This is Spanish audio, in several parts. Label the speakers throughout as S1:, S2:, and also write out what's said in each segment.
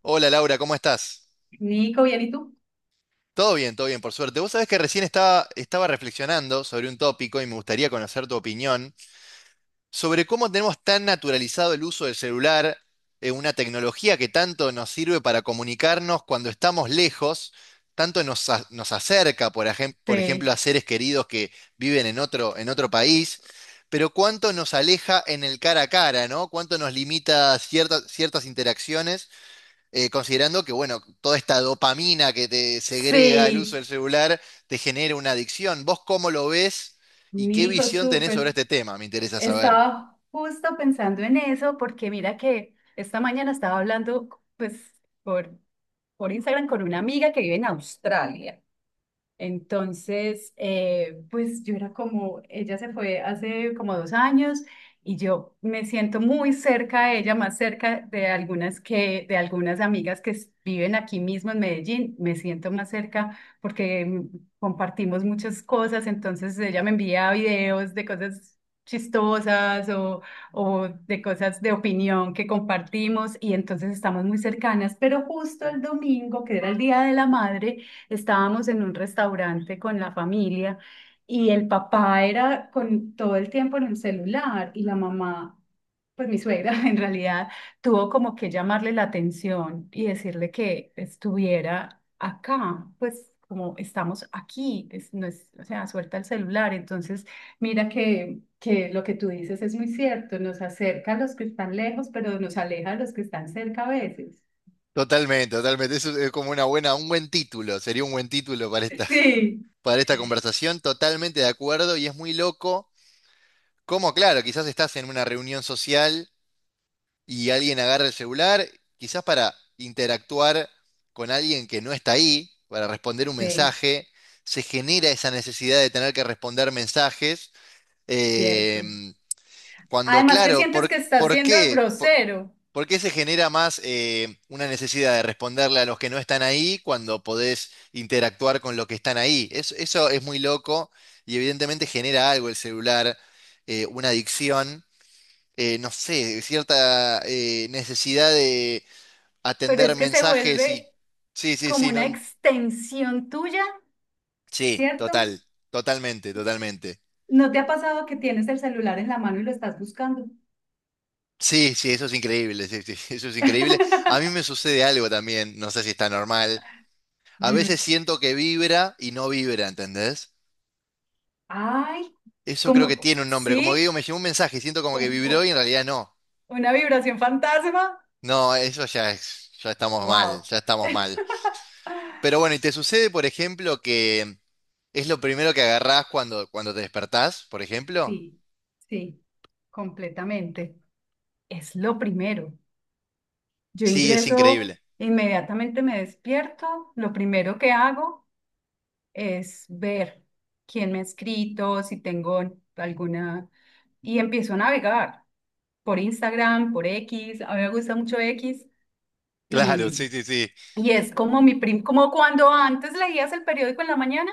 S1: Hola Laura, ¿cómo estás?
S2: Nico, ¿bien y tú?
S1: Todo bien, por suerte. Vos sabés que recién estaba reflexionando sobre un tópico y me gustaría conocer tu opinión sobre cómo tenemos tan naturalizado el uso del celular, una tecnología que tanto nos sirve para comunicarnos cuando estamos lejos, tanto nos acerca, por ejemplo, a seres queridos que viven en en otro país, pero cuánto nos aleja en el cara a cara, ¿no? Cuánto nos limita ciertas interacciones. Considerando que, bueno, toda esta dopamina que te segrega el uso
S2: Sí,
S1: del celular te genera una adicción. ¿Vos cómo lo ves y qué
S2: Nico,
S1: visión tenés sobre
S2: súper.
S1: este tema? Me interesa saber.
S2: Estaba justo pensando en eso porque mira que esta mañana estaba hablando pues por, por Instagram con una amiga que vive en Australia. Entonces, pues yo era como, ella se fue hace como 2 años y yo me siento muy cerca de ella, más cerca de algunas amigas que viven aquí mismo en Medellín, me siento más cerca porque compartimos muchas cosas, entonces ella me envía videos de cosas chistosas o de cosas de opinión que compartimos y entonces estamos muy cercanas, pero justo el domingo, que era el Día de la Madre, estábamos en un restaurante con la familia y el papá era con todo el tiempo en el celular y la mamá, pues mi suegra en realidad, tuvo como que llamarle la atención y decirle que estuviera acá, pues como estamos aquí, no es, o sea, suelta el celular. Entonces, mira que lo que tú dices es muy cierto, nos acerca a los que están lejos, pero nos aleja a los que están cerca a veces.
S1: Totalmente, totalmente. Eso es como una un buen título. Sería un buen título para
S2: Sí,
S1: para esta conversación. Totalmente de acuerdo y es muy loco. Como, claro, quizás estás en una reunión social y alguien agarra el celular, quizás para interactuar con alguien que no está ahí, para responder un
S2: sí,
S1: mensaje, se genera esa necesidad de tener que responder mensajes, eh,
S2: cierto.
S1: cuando
S2: Además que
S1: claro,
S2: sientes que estás
S1: por
S2: siendo
S1: qué? ¿
S2: grosero,
S1: Por qué se genera más una necesidad de responderle a los que no están ahí cuando podés interactuar con los que están ahí? Eso es muy loco y evidentemente genera algo el celular, una adicción no sé, cierta necesidad de
S2: pero
S1: atender
S2: es que se
S1: mensajes y...
S2: vuelve
S1: Sí, sí,
S2: como
S1: sí, no,
S2: una extensión tuya,
S1: sí,
S2: ¿cierto?
S1: total, totalmente, totalmente.
S2: ¿No te ha pasado que tienes el celular en la mano y lo estás buscando?
S1: Sí, sí, eso es increíble, sí, sí, eso es increíble. A mí me sucede algo también, no sé si está normal. A
S2: Dime.
S1: veces siento que vibra y no vibra, ¿entendés?
S2: Ay,
S1: Eso creo que
S2: como,
S1: tiene un nombre. Como que digo, me
S2: sí,
S1: llegó un mensaje y siento como que
S2: como
S1: vibró y
S2: oh,
S1: en realidad no.
S2: una vibración fantasma.
S1: No, eso ya es, ya estamos mal,
S2: Wow.
S1: ya estamos mal. Pero bueno, ¿y te sucede, por ejemplo, que ¿es lo primero que agarrás cuando te despertás, por ejemplo?
S2: Sí, sí, completamente. Es lo primero. Yo
S1: Sí, es
S2: ingreso,
S1: increíble.
S2: inmediatamente me despierto, lo primero que hago es ver quién me ha escrito, si tengo alguna, y empiezo a navegar por Instagram, por X, a mí me gusta mucho X,
S1: Claro,
S2: y,
S1: sí, sí, sí.
S2: y es como como cuando antes leías el periódico en la mañana,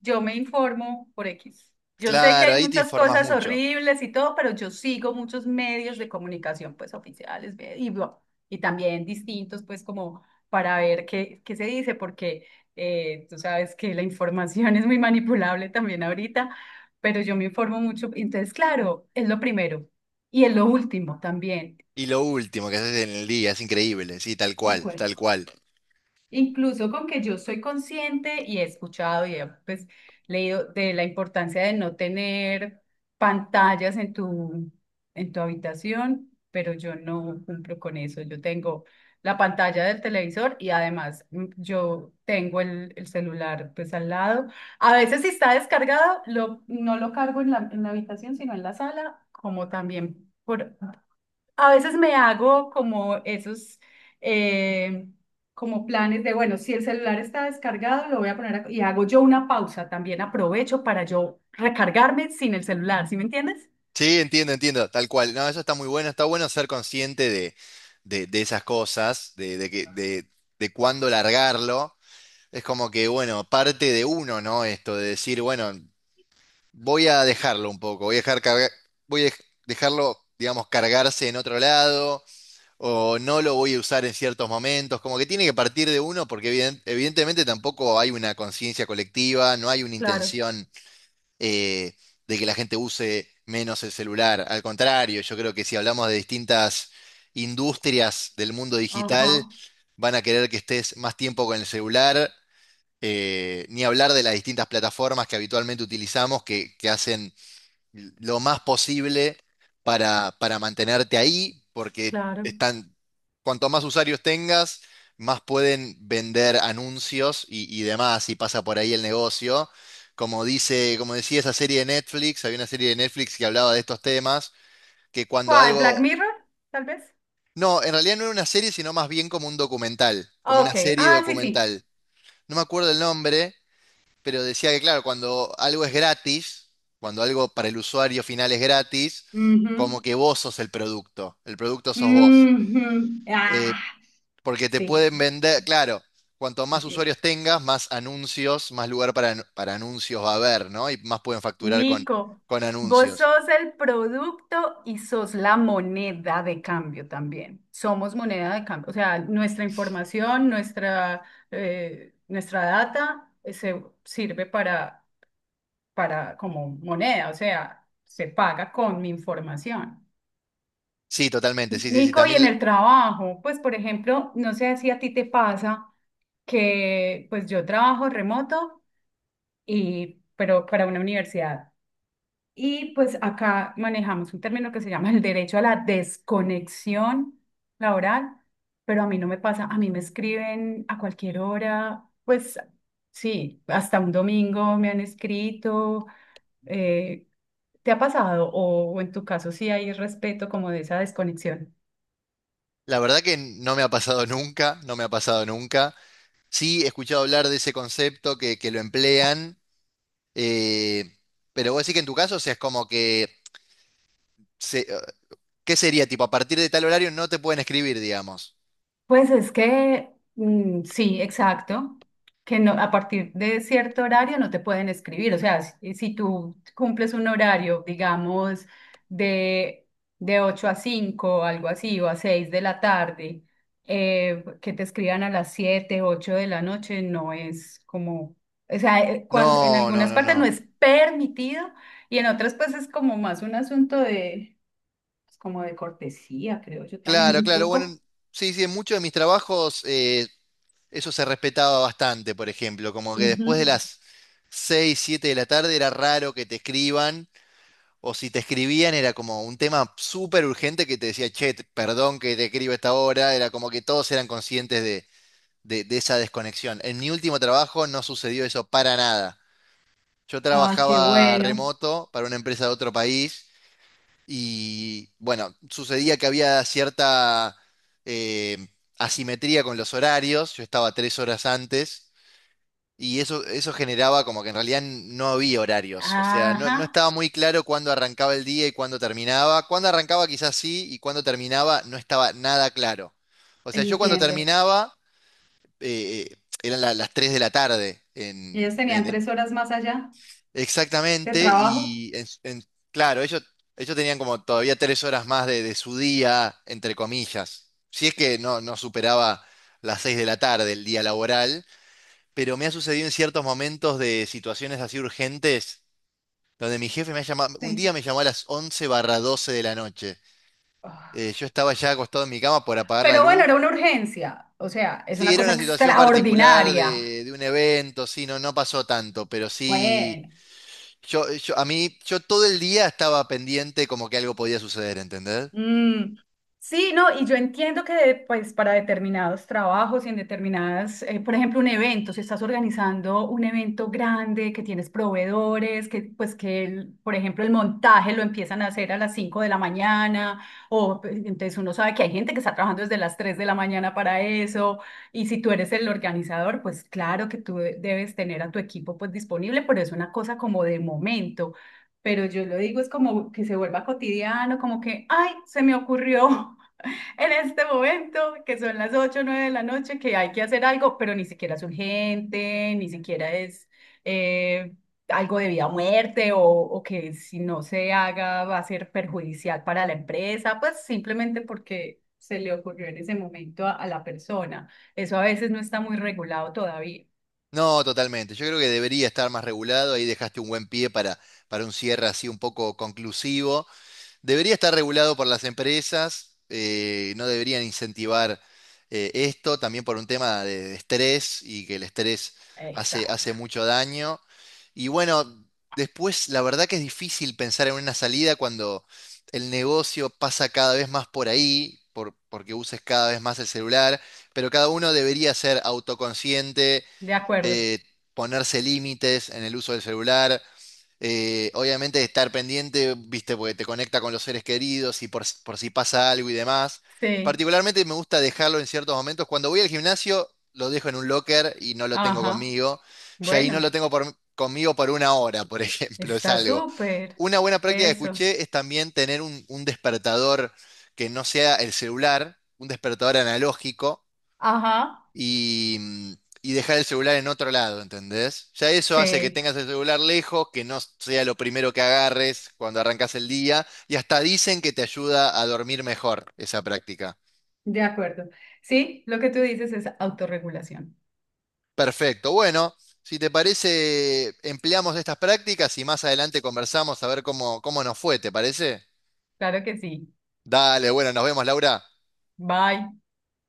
S2: yo me informo por X. Yo sé que
S1: Claro,
S2: hay
S1: ahí te
S2: muchas
S1: informás
S2: cosas
S1: mucho.
S2: horribles y todo, pero yo sigo muchos medios de comunicación, pues oficiales y, bueno, y también distintos, pues como para ver qué se dice, porque tú sabes que la información es muy manipulable también ahorita, pero yo me informo mucho. Entonces, claro, es lo primero y es lo último también.
S1: Y lo último que haces en el día, es increíble, sí, tal
S2: De
S1: cual,
S2: acuerdo.
S1: tal cual.
S2: Incluso con que yo soy consciente y he escuchado y he pues, leído de la importancia de no tener pantallas en tu habitación, pero yo no cumplo con eso. Yo tengo la pantalla del televisor y además yo tengo el celular pues al lado. A veces si está descargado, no lo cargo en la habitación, sino en la sala, como también por a veces me hago como esos, eh, como planes de, bueno, si el celular está descargado, lo voy a poner y hago yo una pausa, también aprovecho para yo recargarme sin el celular, ¿sí me entiendes?
S1: Sí, entiendo, entiendo, tal cual. No, eso está muy bueno, está bueno ser consciente de esas cosas, de cuándo largarlo. Es como que, bueno, parte de uno, ¿no? Esto de decir, bueno, voy a dejarlo un poco, voy a dejar carga- voy a dej- dejarlo, digamos, cargarse en otro lado o no lo voy a usar en ciertos momentos, como que tiene que partir de uno porque evidentemente tampoco hay una conciencia colectiva, no hay una
S2: Claro,
S1: intención eh, de que la gente use menos el celular. Al contrario, yo creo que si hablamos de distintas industrias del mundo digital,
S2: ajá,
S1: van a querer que estés más tiempo con el celular, ni hablar de las distintas plataformas que habitualmente utilizamos que hacen lo más posible para mantenerte ahí, porque
S2: claro.
S1: están, cuanto más usuarios tengas, más pueden vender anuncios y demás, y pasa por ahí el negocio. Como dice, como decía esa serie de Netflix, había una serie de Netflix que hablaba de estos temas, que cuando
S2: ¿Cuál?
S1: algo...
S2: ¿Black Mirror? Tal vez.
S1: No, en realidad no era una serie, sino más bien como un documental, como una
S2: Ok,
S1: serie
S2: ah, sí, sí.
S1: documental. No me acuerdo el nombre, pero decía que, claro, cuando algo es gratis, cuando algo para el usuario final es gratis, como
S2: Ujú,
S1: que vos sos el producto sos vos.
S2: ujú,
S1: Eh,
S2: ah,
S1: Porque te
S2: sí.
S1: pueden vender, claro, cuanto más usuarios tengas, más anuncios, más lugar para anuncios va a haber, ¿no? Y más pueden facturar
S2: Nico,
S1: con
S2: vos
S1: anuncios.
S2: sos el producto y sos la moneda de cambio también. Somos moneda de cambio. O sea, nuestra información, nuestra data se sirve para como moneda. O sea, se paga con mi información.
S1: Sí, totalmente, sí, sí, sí.
S2: Nico, y
S1: También,
S2: en el trabajo, pues por ejemplo, no sé si a ti te pasa que pues yo trabajo remoto y pero para una universidad. Y pues acá manejamos un término que se llama el derecho a la desconexión laboral, pero a mí no me pasa, a mí me escriben a cualquier hora, pues sí, hasta un domingo me han escrito. eh, ¿Te ha pasado? O en tu caso sí hay respeto como de esa desconexión.
S1: la verdad que no me ha pasado nunca, no me ha pasado nunca. Sí, he escuchado hablar de ese concepto que lo emplean, eh, pero vos decís que en tu caso, o sea, es como que se- eh, ¿qué sería? Tipo, a partir de tal horario no te pueden escribir, digamos.
S2: Pues es que sí, exacto, que no, a partir de cierto horario no te pueden escribir, o sea, si tú cumples un horario, digamos, de, de 8 a 5, algo así, o a 6 de la tarde, que te escriban a las 7, 8 de la noche, no es como, o sea, cuando, en
S1: No, no,
S2: algunas
S1: no,
S2: partes no
S1: no.
S2: es permitido y en otras pues es como más un asunto de, pues, como de cortesía, creo yo también
S1: Claro,
S2: un
S1: claro. Bueno,
S2: poco.
S1: sí, sí, en muchos de mis trabajos eso se respetaba bastante, por ejemplo. Como que después de
S2: Ujú.
S1: las 6, 7 de la tarde era raro que te escriban. O si te escribían era como un tema súper urgente que te decía, che, perdón que te escribo a esta hora. Era como que todos eran conscientes de esa desconexión. En mi último trabajo no sucedió eso para nada. Yo
S2: Ay, qué
S1: trabajaba
S2: bueno,
S1: remoto para una empresa de otro país y bueno, sucedía que había cierta eh, asimetría con los horarios. Yo estaba 3 horas antes y eso generaba como que en realidad no había horarios. O sea,
S2: ajá.
S1: no estaba muy claro cuándo arrancaba el día y cuándo terminaba. Cuándo arrancaba quizás sí y cuándo terminaba no estaba nada claro. O sea, yo cuando
S2: Entiendo.
S1: terminaba eh, eh, eran las 3 de la tarde
S2: ¿Y ellos tenían
S1: en
S2: 3 horas más allá de
S1: Exactamente,
S2: trabajo?
S1: y claro, ellos tenían como todavía 3 horas más de su día, entre comillas. Si es que no, no superaba las 6 de la tarde el día laboral, pero me ha sucedido en ciertos momentos de situaciones así urgentes, donde mi jefe me ha llamado, un día
S2: Sí.
S1: me llamó a las 11 barra 12 de la noche.
S2: Ah,
S1: Yo estaba ya acostado en mi cama por apagar la
S2: pero bueno,
S1: luz.
S2: era una urgencia. O sea, es
S1: Sí,
S2: una
S1: era
S2: cosa
S1: una situación particular
S2: extraordinaria.
S1: de un evento, sí, no, no pasó tanto, pero sí.
S2: Bueno.
S1: Yo todo el día estaba pendiente como que algo podía suceder, ¿entendés?
S2: Mm, sí, no, y yo entiendo que pues para determinados trabajos y en determinadas, por ejemplo, un evento, si estás organizando un evento grande, que tienes proveedores, que pues que, el- por ejemplo, el montaje lo empiezan a hacer a las 5 de la mañana, o pues, entonces uno sabe que hay gente que está trabajando desde las 3 de la mañana para eso, y si tú eres el organizador, pues claro que tú debes tener a tu equipo pues disponible, pero es una cosa como de momento pero yo lo digo, es como que se vuelva cotidiano, como que, ay, se me ocurrió en este momento, que son las ocho o 9 de la noche, que hay que hacer algo, pero ni siquiera es urgente, ni siquiera es eh, algo de vida o muerte, o que si no se haga va a ser perjudicial para la empresa, pues simplemente porque se le ocurrió en ese momento a la persona. Eso a veces no está muy regulado todavía.
S1: No, totalmente. Yo creo que debería estar más regulado. Ahí dejaste un buen pie para un cierre así un poco conclusivo. Debería estar regulado por las empresas, no deberían incentivar esto, también por un tema de estrés y que el estrés hace, hace
S2: Exacto.
S1: mucho daño. Y bueno, después la verdad que es difícil pensar en una salida cuando el negocio pasa cada vez más por ahí, porque uses cada vez más el celular, pero cada uno debería ser autoconsciente,
S2: De acuerdo.
S1: eh, ponerse límites en el uso del celular. Obviamente estar pendiente, viste, porque te conecta con los seres queridos y por si pasa algo y demás.
S2: Sí.
S1: Particularmente me gusta dejarlo en ciertos momentos. Cuando voy al gimnasio, lo dejo en un locker y no lo tengo
S2: Ajá.
S1: conmigo. Y ahí no lo
S2: Bueno.
S1: tengo conmigo por una hora, por ejemplo, es
S2: Está
S1: algo.
S2: súper.
S1: Una buena práctica que
S2: Eso.
S1: escuché es también tener un despertador que no sea el celular, un despertador analógico
S2: Ajá.
S1: y, y dejar el celular en otro lado, ¿entendés? Ya eso hace que
S2: Sí,
S1: tengas el celular lejos, que no sea lo primero que agarres cuando arrancas el día, y hasta dicen que te ayuda a dormir mejor esa práctica.
S2: de acuerdo. Sí, lo que tú dices es autorregulación.
S1: Perfecto, bueno, si te parece, empleamos estas prácticas y más adelante conversamos a ver cómo, cómo nos fue, ¿te parece?
S2: Claro que sí.
S1: Dale, bueno, nos vemos, Laura.
S2: Bye.